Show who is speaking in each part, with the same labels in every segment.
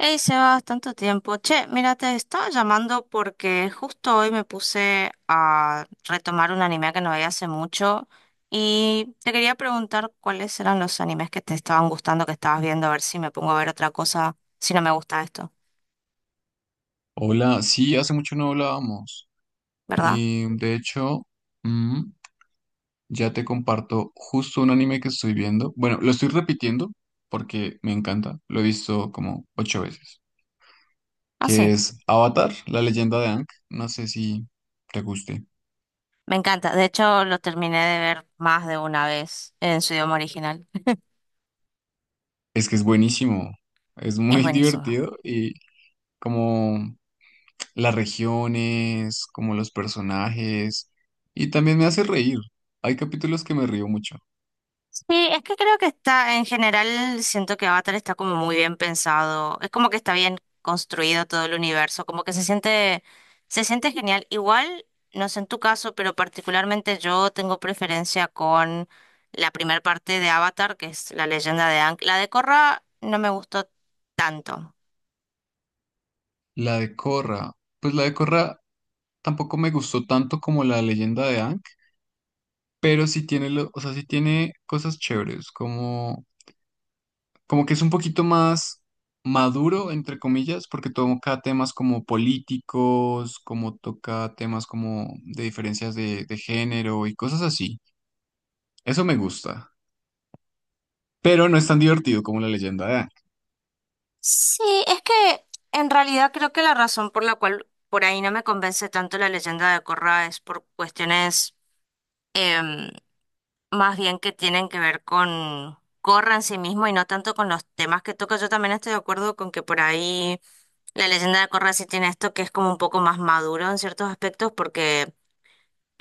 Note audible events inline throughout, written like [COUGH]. Speaker 1: Hey, Sebas, tanto tiempo. Che, mira, te estaba llamando porque justo hoy me puse a retomar un anime que no veía hace mucho y te quería preguntar cuáles eran los animes que te estaban gustando, que estabas viendo, a ver si me pongo a ver otra cosa, si no me gusta esto,
Speaker 2: Hola, sí, hace mucho no hablábamos.
Speaker 1: ¿verdad?
Speaker 2: Y de hecho, mm, ya te comparto justo un anime que estoy viendo. Bueno, lo estoy repitiendo porque me encanta. Lo he visto como ocho veces.
Speaker 1: Ah,
Speaker 2: Que
Speaker 1: sí,
Speaker 2: es Avatar, la leyenda de Aang. No sé si te guste.
Speaker 1: me encanta. De hecho, lo terminé de ver más de una vez en su idioma original. [LAUGHS]
Speaker 2: Es que es buenísimo. Es
Speaker 1: Es
Speaker 2: muy [LAUGHS]
Speaker 1: buenísimo.
Speaker 2: divertido y como las regiones, como los personajes. Y también me hace reír. Hay capítulos que me río mucho.
Speaker 1: Sí, es que creo que está, en general, siento que Avatar está como muy bien pensado. Es como que está bien construido todo el universo, como que se siente genial. Igual, no sé en tu caso, pero particularmente yo tengo preferencia con la primera parte de Avatar, que es la leyenda de Aang. La de Korra no me gustó tanto.
Speaker 2: La de Korra. Pues la de Korra tampoco me gustó tanto como la leyenda de Aang, pero sí tiene, o sea, sí tiene cosas chéveres, como, como que es un poquito más maduro, entre comillas, porque toca temas como políticos, como toca temas como de diferencias de género y cosas así. Eso me gusta, pero no es tan divertido como la leyenda de Aang.
Speaker 1: Sí, es que en realidad creo que la razón por la cual por ahí no me convence tanto la leyenda de Korra es por cuestiones, más bien que tienen que ver con Corra en sí mismo y no tanto con los temas que toca. Yo también estoy de acuerdo con que por ahí la leyenda de Corra sí tiene esto que es como un poco más maduro en ciertos aspectos porque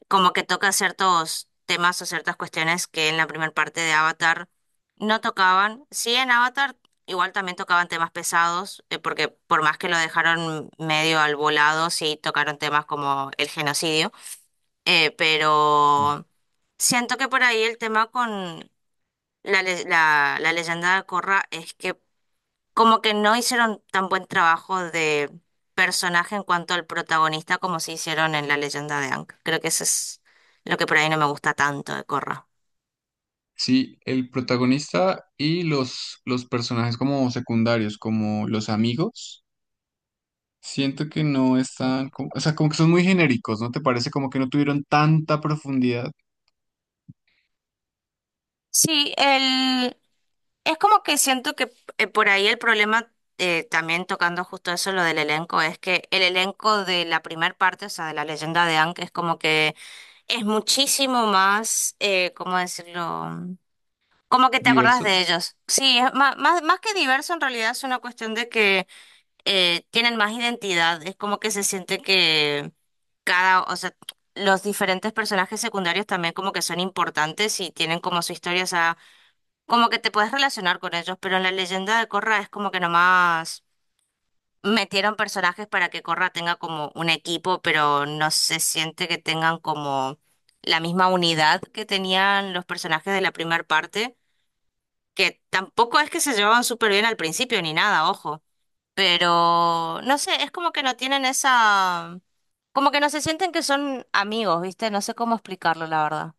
Speaker 1: como que toca ciertos temas o ciertas cuestiones que en la primera parte de Avatar no tocaban. Sí, en Avatar igual también tocaban temas pesados porque por más que lo dejaron medio al volado, sí tocaron temas como el genocidio, eh,
Speaker 2: Mm.
Speaker 1: pero... Siento que por ahí el tema con la leyenda de Korra es que como que no hicieron tan buen trabajo de personaje en cuanto al protagonista como se hicieron en la leyenda de Aang. Creo que eso es lo que por ahí no me gusta tanto de Korra.
Speaker 2: Sí, el protagonista y los personajes como secundarios, como los amigos. Siento que no están, o sea, como que son muy genéricos, ¿no te parece? Como que no tuvieron tanta profundidad,
Speaker 1: Sí, el... es como que siento que por ahí el problema, también tocando justo eso, lo del elenco, es que el elenco de la primera parte, o sea, de la leyenda de Aang, es como que es muchísimo más, ¿cómo decirlo? Como que te acordás
Speaker 2: diverso.
Speaker 1: de ellos. Sí, es más que diverso, en realidad es una cuestión de que tienen más identidad. Es como que se siente que cada, o sea, los diferentes personajes secundarios también como que son importantes y tienen como su historia, o sea, como que te puedes relacionar con ellos, pero en la leyenda de Corra es como que nomás metieron personajes para que Corra tenga como un equipo, pero no se siente que tengan como la misma unidad que tenían los personajes de la primera parte, que tampoco es que se llevaban súper bien al principio ni nada, ojo, pero no sé, es como que no tienen esa, como que no se sienten que son amigos, ¿viste? No sé cómo explicarlo, la verdad.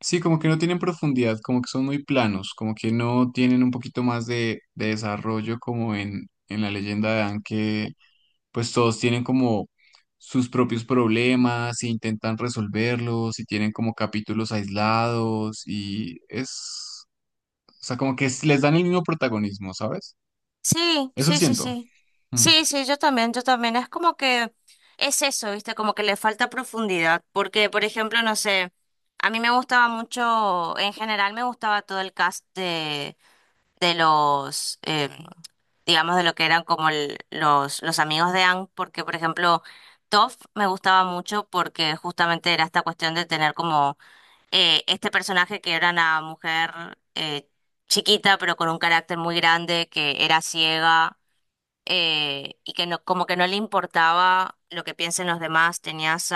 Speaker 2: Sí, como que no tienen profundidad, como que son muy planos, como que no tienen un poquito más de desarrollo como en la leyenda de Anne, que pues todos tienen como sus propios problemas e intentan resolverlos y tienen como capítulos aislados y es, o sea, como que les dan el mismo protagonismo, ¿sabes?
Speaker 1: Sí,
Speaker 2: Eso
Speaker 1: sí, sí,
Speaker 2: siento.
Speaker 1: sí.
Speaker 2: Mm.
Speaker 1: Sí, sí, yo también, yo también. Es como que es eso, ¿viste? Como que le falta profundidad, porque, por ejemplo, no sé, a mí me gustaba mucho, en general me gustaba todo el cast de los, digamos, de lo que eran como los amigos de Ang, porque, por ejemplo, Toph me gustaba mucho porque justamente era esta cuestión de tener como este personaje que era una mujer chiquita, pero con un carácter muy grande, que era ciega y que no, como que no le importaba lo que piensen los demás. Tenías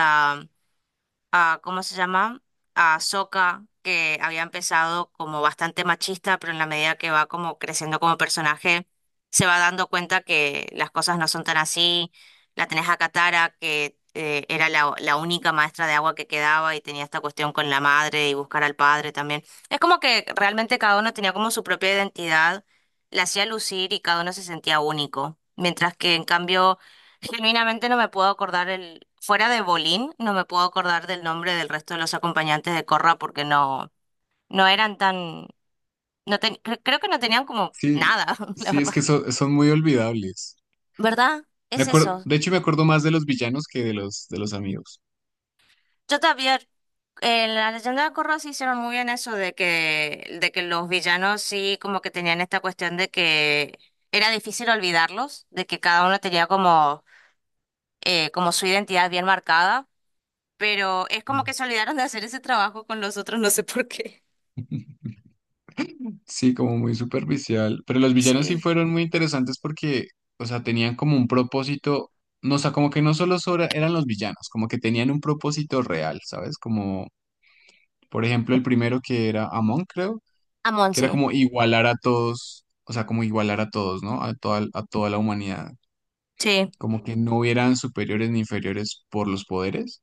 Speaker 1: a, ¿cómo se llama? A Sokka, que había empezado como bastante machista, pero en la medida que va como creciendo como personaje, se va dando cuenta que las cosas no son tan así. La tenés a Katara, que era la única maestra de agua que quedaba y tenía esta cuestión con la madre y buscar al padre también. Es como que realmente cada uno tenía como su propia identidad, la hacía lucir y cada uno se sentía único. Mientras que en cambio... Genuinamente no me puedo acordar el, fuera de Bolín, no me puedo acordar del nombre del resto de los acompañantes de Corra porque no, no eran tan, no ten- cre- creo que no tenían como
Speaker 2: Sí,
Speaker 1: nada, [LAUGHS] la
Speaker 2: sí, es
Speaker 1: verdad.
Speaker 2: que son, son muy olvidables.
Speaker 1: ¿Verdad?
Speaker 2: Me
Speaker 1: Es
Speaker 2: acuerdo,
Speaker 1: eso.
Speaker 2: de hecho, me acuerdo más de los villanos que de de los amigos.
Speaker 1: Yo también, en la leyenda de Corra sí hicieron muy bien eso de que los villanos sí como que tenían esta cuestión de que era difícil olvidarlos, de que cada uno tenía como, como su identidad bien marcada. Pero es como que se olvidaron de hacer ese trabajo con los otros, no sé por qué.
Speaker 2: [LAUGHS] Sí, como muy superficial. Pero los villanos sí
Speaker 1: Sí.
Speaker 2: fueron muy interesantes porque, o sea, tenían como un propósito, no, o sea, como que no solo eran los villanos, como que tenían un propósito real, ¿sabes? Como, por ejemplo, el primero que era Amon, creo,
Speaker 1: A
Speaker 2: que era
Speaker 1: sí,
Speaker 2: como igualar a todos, o sea, como igualar a todos, ¿no? A toda la humanidad.
Speaker 1: sí,
Speaker 2: Como que no hubieran superiores ni inferiores por los poderes.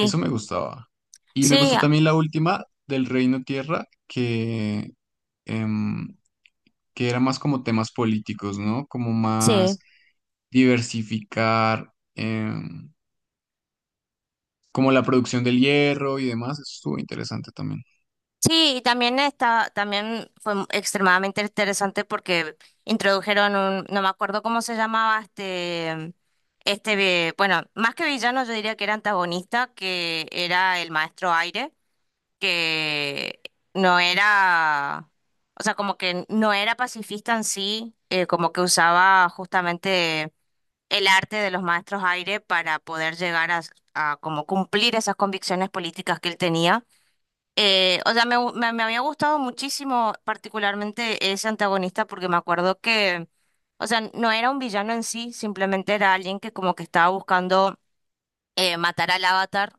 Speaker 2: Eso me gustaba. Y me
Speaker 1: sí,
Speaker 2: gustó
Speaker 1: a-
Speaker 2: también la última del Reino Tierra, que... em, que era más como temas políticos, ¿no? Como
Speaker 1: sí.
Speaker 2: más diversificar como la producción del hierro y demás. Eso estuvo interesante también.
Speaker 1: Sí, y también está, también fue extremadamente interesante porque introdujeron un, no me acuerdo cómo se llamaba este. Bueno, más que villano yo diría que era antagonista, que era el maestro Aire, que no era, o sea, como que no era pacifista en sí, como que usaba justamente el arte de los maestros aire para poder llegar a como cumplir esas convicciones políticas que él tenía. O sea, me había gustado muchísimo particularmente ese antagonista porque me acuerdo que, o sea, no era un villano en sí, simplemente era alguien que como que estaba buscando matar al avatar,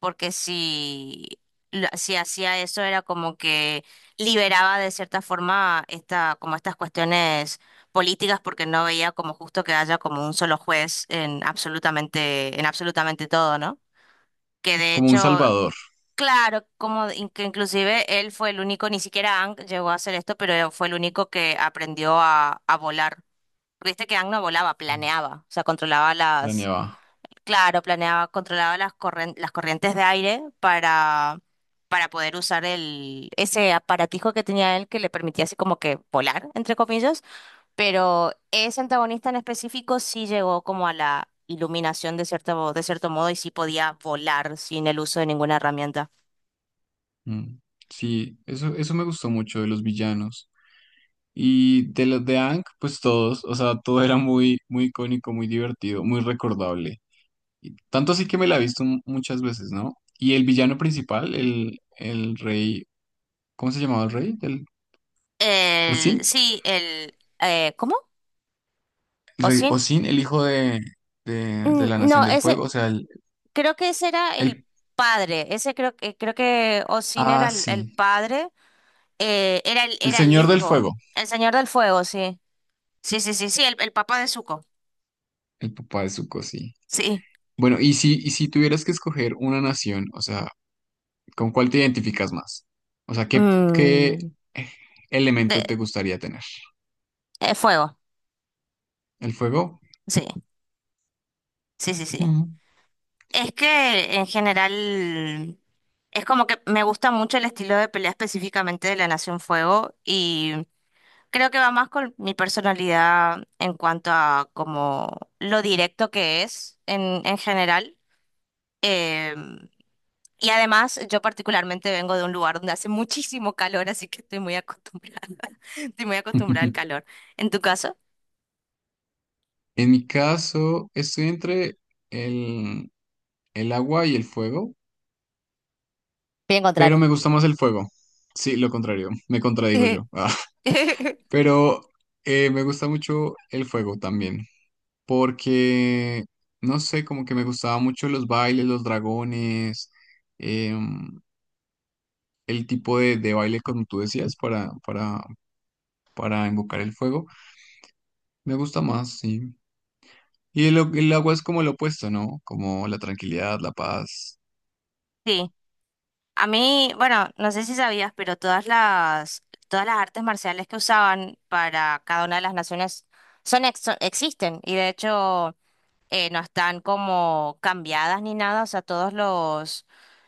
Speaker 1: porque si, si hacía eso era como que liberaba de cierta forma esta, como estas cuestiones políticas, porque no veía como justo que haya como un solo juez en absolutamente todo, ¿no? Que de
Speaker 2: Como un
Speaker 1: hecho,
Speaker 2: salvador,
Speaker 1: claro, como que inclusive él fue el único, ni siquiera Ang llegó a hacer esto, pero fue el único que aprendió a volar. Viste que Ang no volaba, planeaba, o sea, controlaba las...
Speaker 2: planeaba.
Speaker 1: Claro, planeaba, controlaba las las corrientes de aire para poder usar el, ese aparatijo que tenía él que le permitía así como que volar, entre comillas, pero ese antagonista en específico sí llegó como a la iluminación de cierto modo y sí podía volar sin el uso de ninguna herramienta.
Speaker 2: Mm. Sí, eso me gustó mucho de los villanos. Y de los de Ank, pues todos, o sea, todo era muy, muy icónico, muy divertido, muy recordable. Y tanto así que me la he visto muchas veces, ¿no? Y el villano principal, el rey, ¿cómo se llamaba el rey? ¿El Oisin?
Speaker 1: El, sí, el, ¿cómo? ¿O
Speaker 2: Rey
Speaker 1: sin?
Speaker 2: Osin, el hijo de
Speaker 1: Mm,
Speaker 2: la
Speaker 1: no,
Speaker 2: Nación del
Speaker 1: ese,
Speaker 2: Fuego, o sea,
Speaker 1: creo que ese era el
Speaker 2: el-
Speaker 1: padre, ese creo que Osin era
Speaker 2: Ah,
Speaker 1: el
Speaker 2: sí.
Speaker 1: padre.
Speaker 2: El
Speaker 1: Era el
Speaker 2: Señor del
Speaker 1: hijo.
Speaker 2: Fuego,
Speaker 1: El Señor del Fuego, sí. Sí, sí, sí, sí, el papá de Zuko.
Speaker 2: el papá de Zuko, sí.
Speaker 1: Sí.
Speaker 2: Bueno, y si tuvieras que escoger una nación, o sea, ¿con cuál te identificas más? O sea, ¿qué, qué
Speaker 1: Mm, de-
Speaker 2: elemento te gustaría tener?
Speaker 1: fuego.
Speaker 2: ¿El fuego?
Speaker 1: Sí, sí, sí, sí.
Speaker 2: Mm.
Speaker 1: Es que en general es como que me gusta mucho el estilo de pelea específicamente de la Nación Fuego y creo que va más con mi personalidad en cuanto a como lo directo que es en general. em, Y además, yo particularmente vengo de un lugar donde hace muchísimo calor, así que estoy muy acostumbrada. [LAUGHS] Estoy muy acostumbrada al calor.
Speaker 2: [LAUGHS]
Speaker 1: ¿En tu caso?
Speaker 2: En mi caso, estoy entre el, el agua y el fuego,
Speaker 1: Bien
Speaker 2: pero
Speaker 1: contrario.
Speaker 2: me gusta más el fuego. Sí, lo contrario, me contradigo yo. [LAUGHS]
Speaker 1: [LAUGHS]
Speaker 2: Pero me gusta mucho el fuego también, porque, no sé, como que me gustaba mucho los bailes, los dragones, em, el tipo de baile como tú decías para invocar el fuego. Me gusta más, sí. Y el, el agua es como lo opuesto, ¿no? Como la tranquilidad, la paz.
Speaker 1: Sí. A mí, bueno, no sé si sabías, pero todas las artes marciales que usaban para cada una de las naciones son, existen y de hecho no están como cambiadas ni nada. O sea, todos los,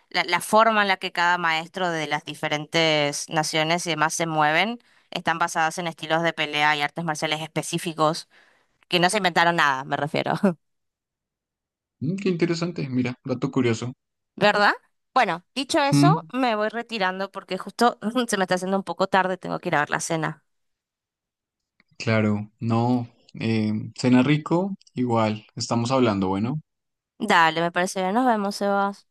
Speaker 1: la forma en la que cada maestro de las diferentes naciones y demás se mueven están basadas en estilos de pelea y artes marciales específicos, que no se inventaron nada, me refiero, [LAUGHS]
Speaker 2: Mm, qué interesante, mira, dato curioso.
Speaker 1: ¿verdad? Bueno, dicho eso,
Speaker 2: Mm,
Speaker 1: me voy retirando porque justo [LAUGHS] se me está haciendo un poco tarde, tengo que ir a ver la cena.
Speaker 2: claro, no. Cena rico, igual, estamos hablando, bueno.
Speaker 1: Dale, me parece bien, nos vemos, Sebas.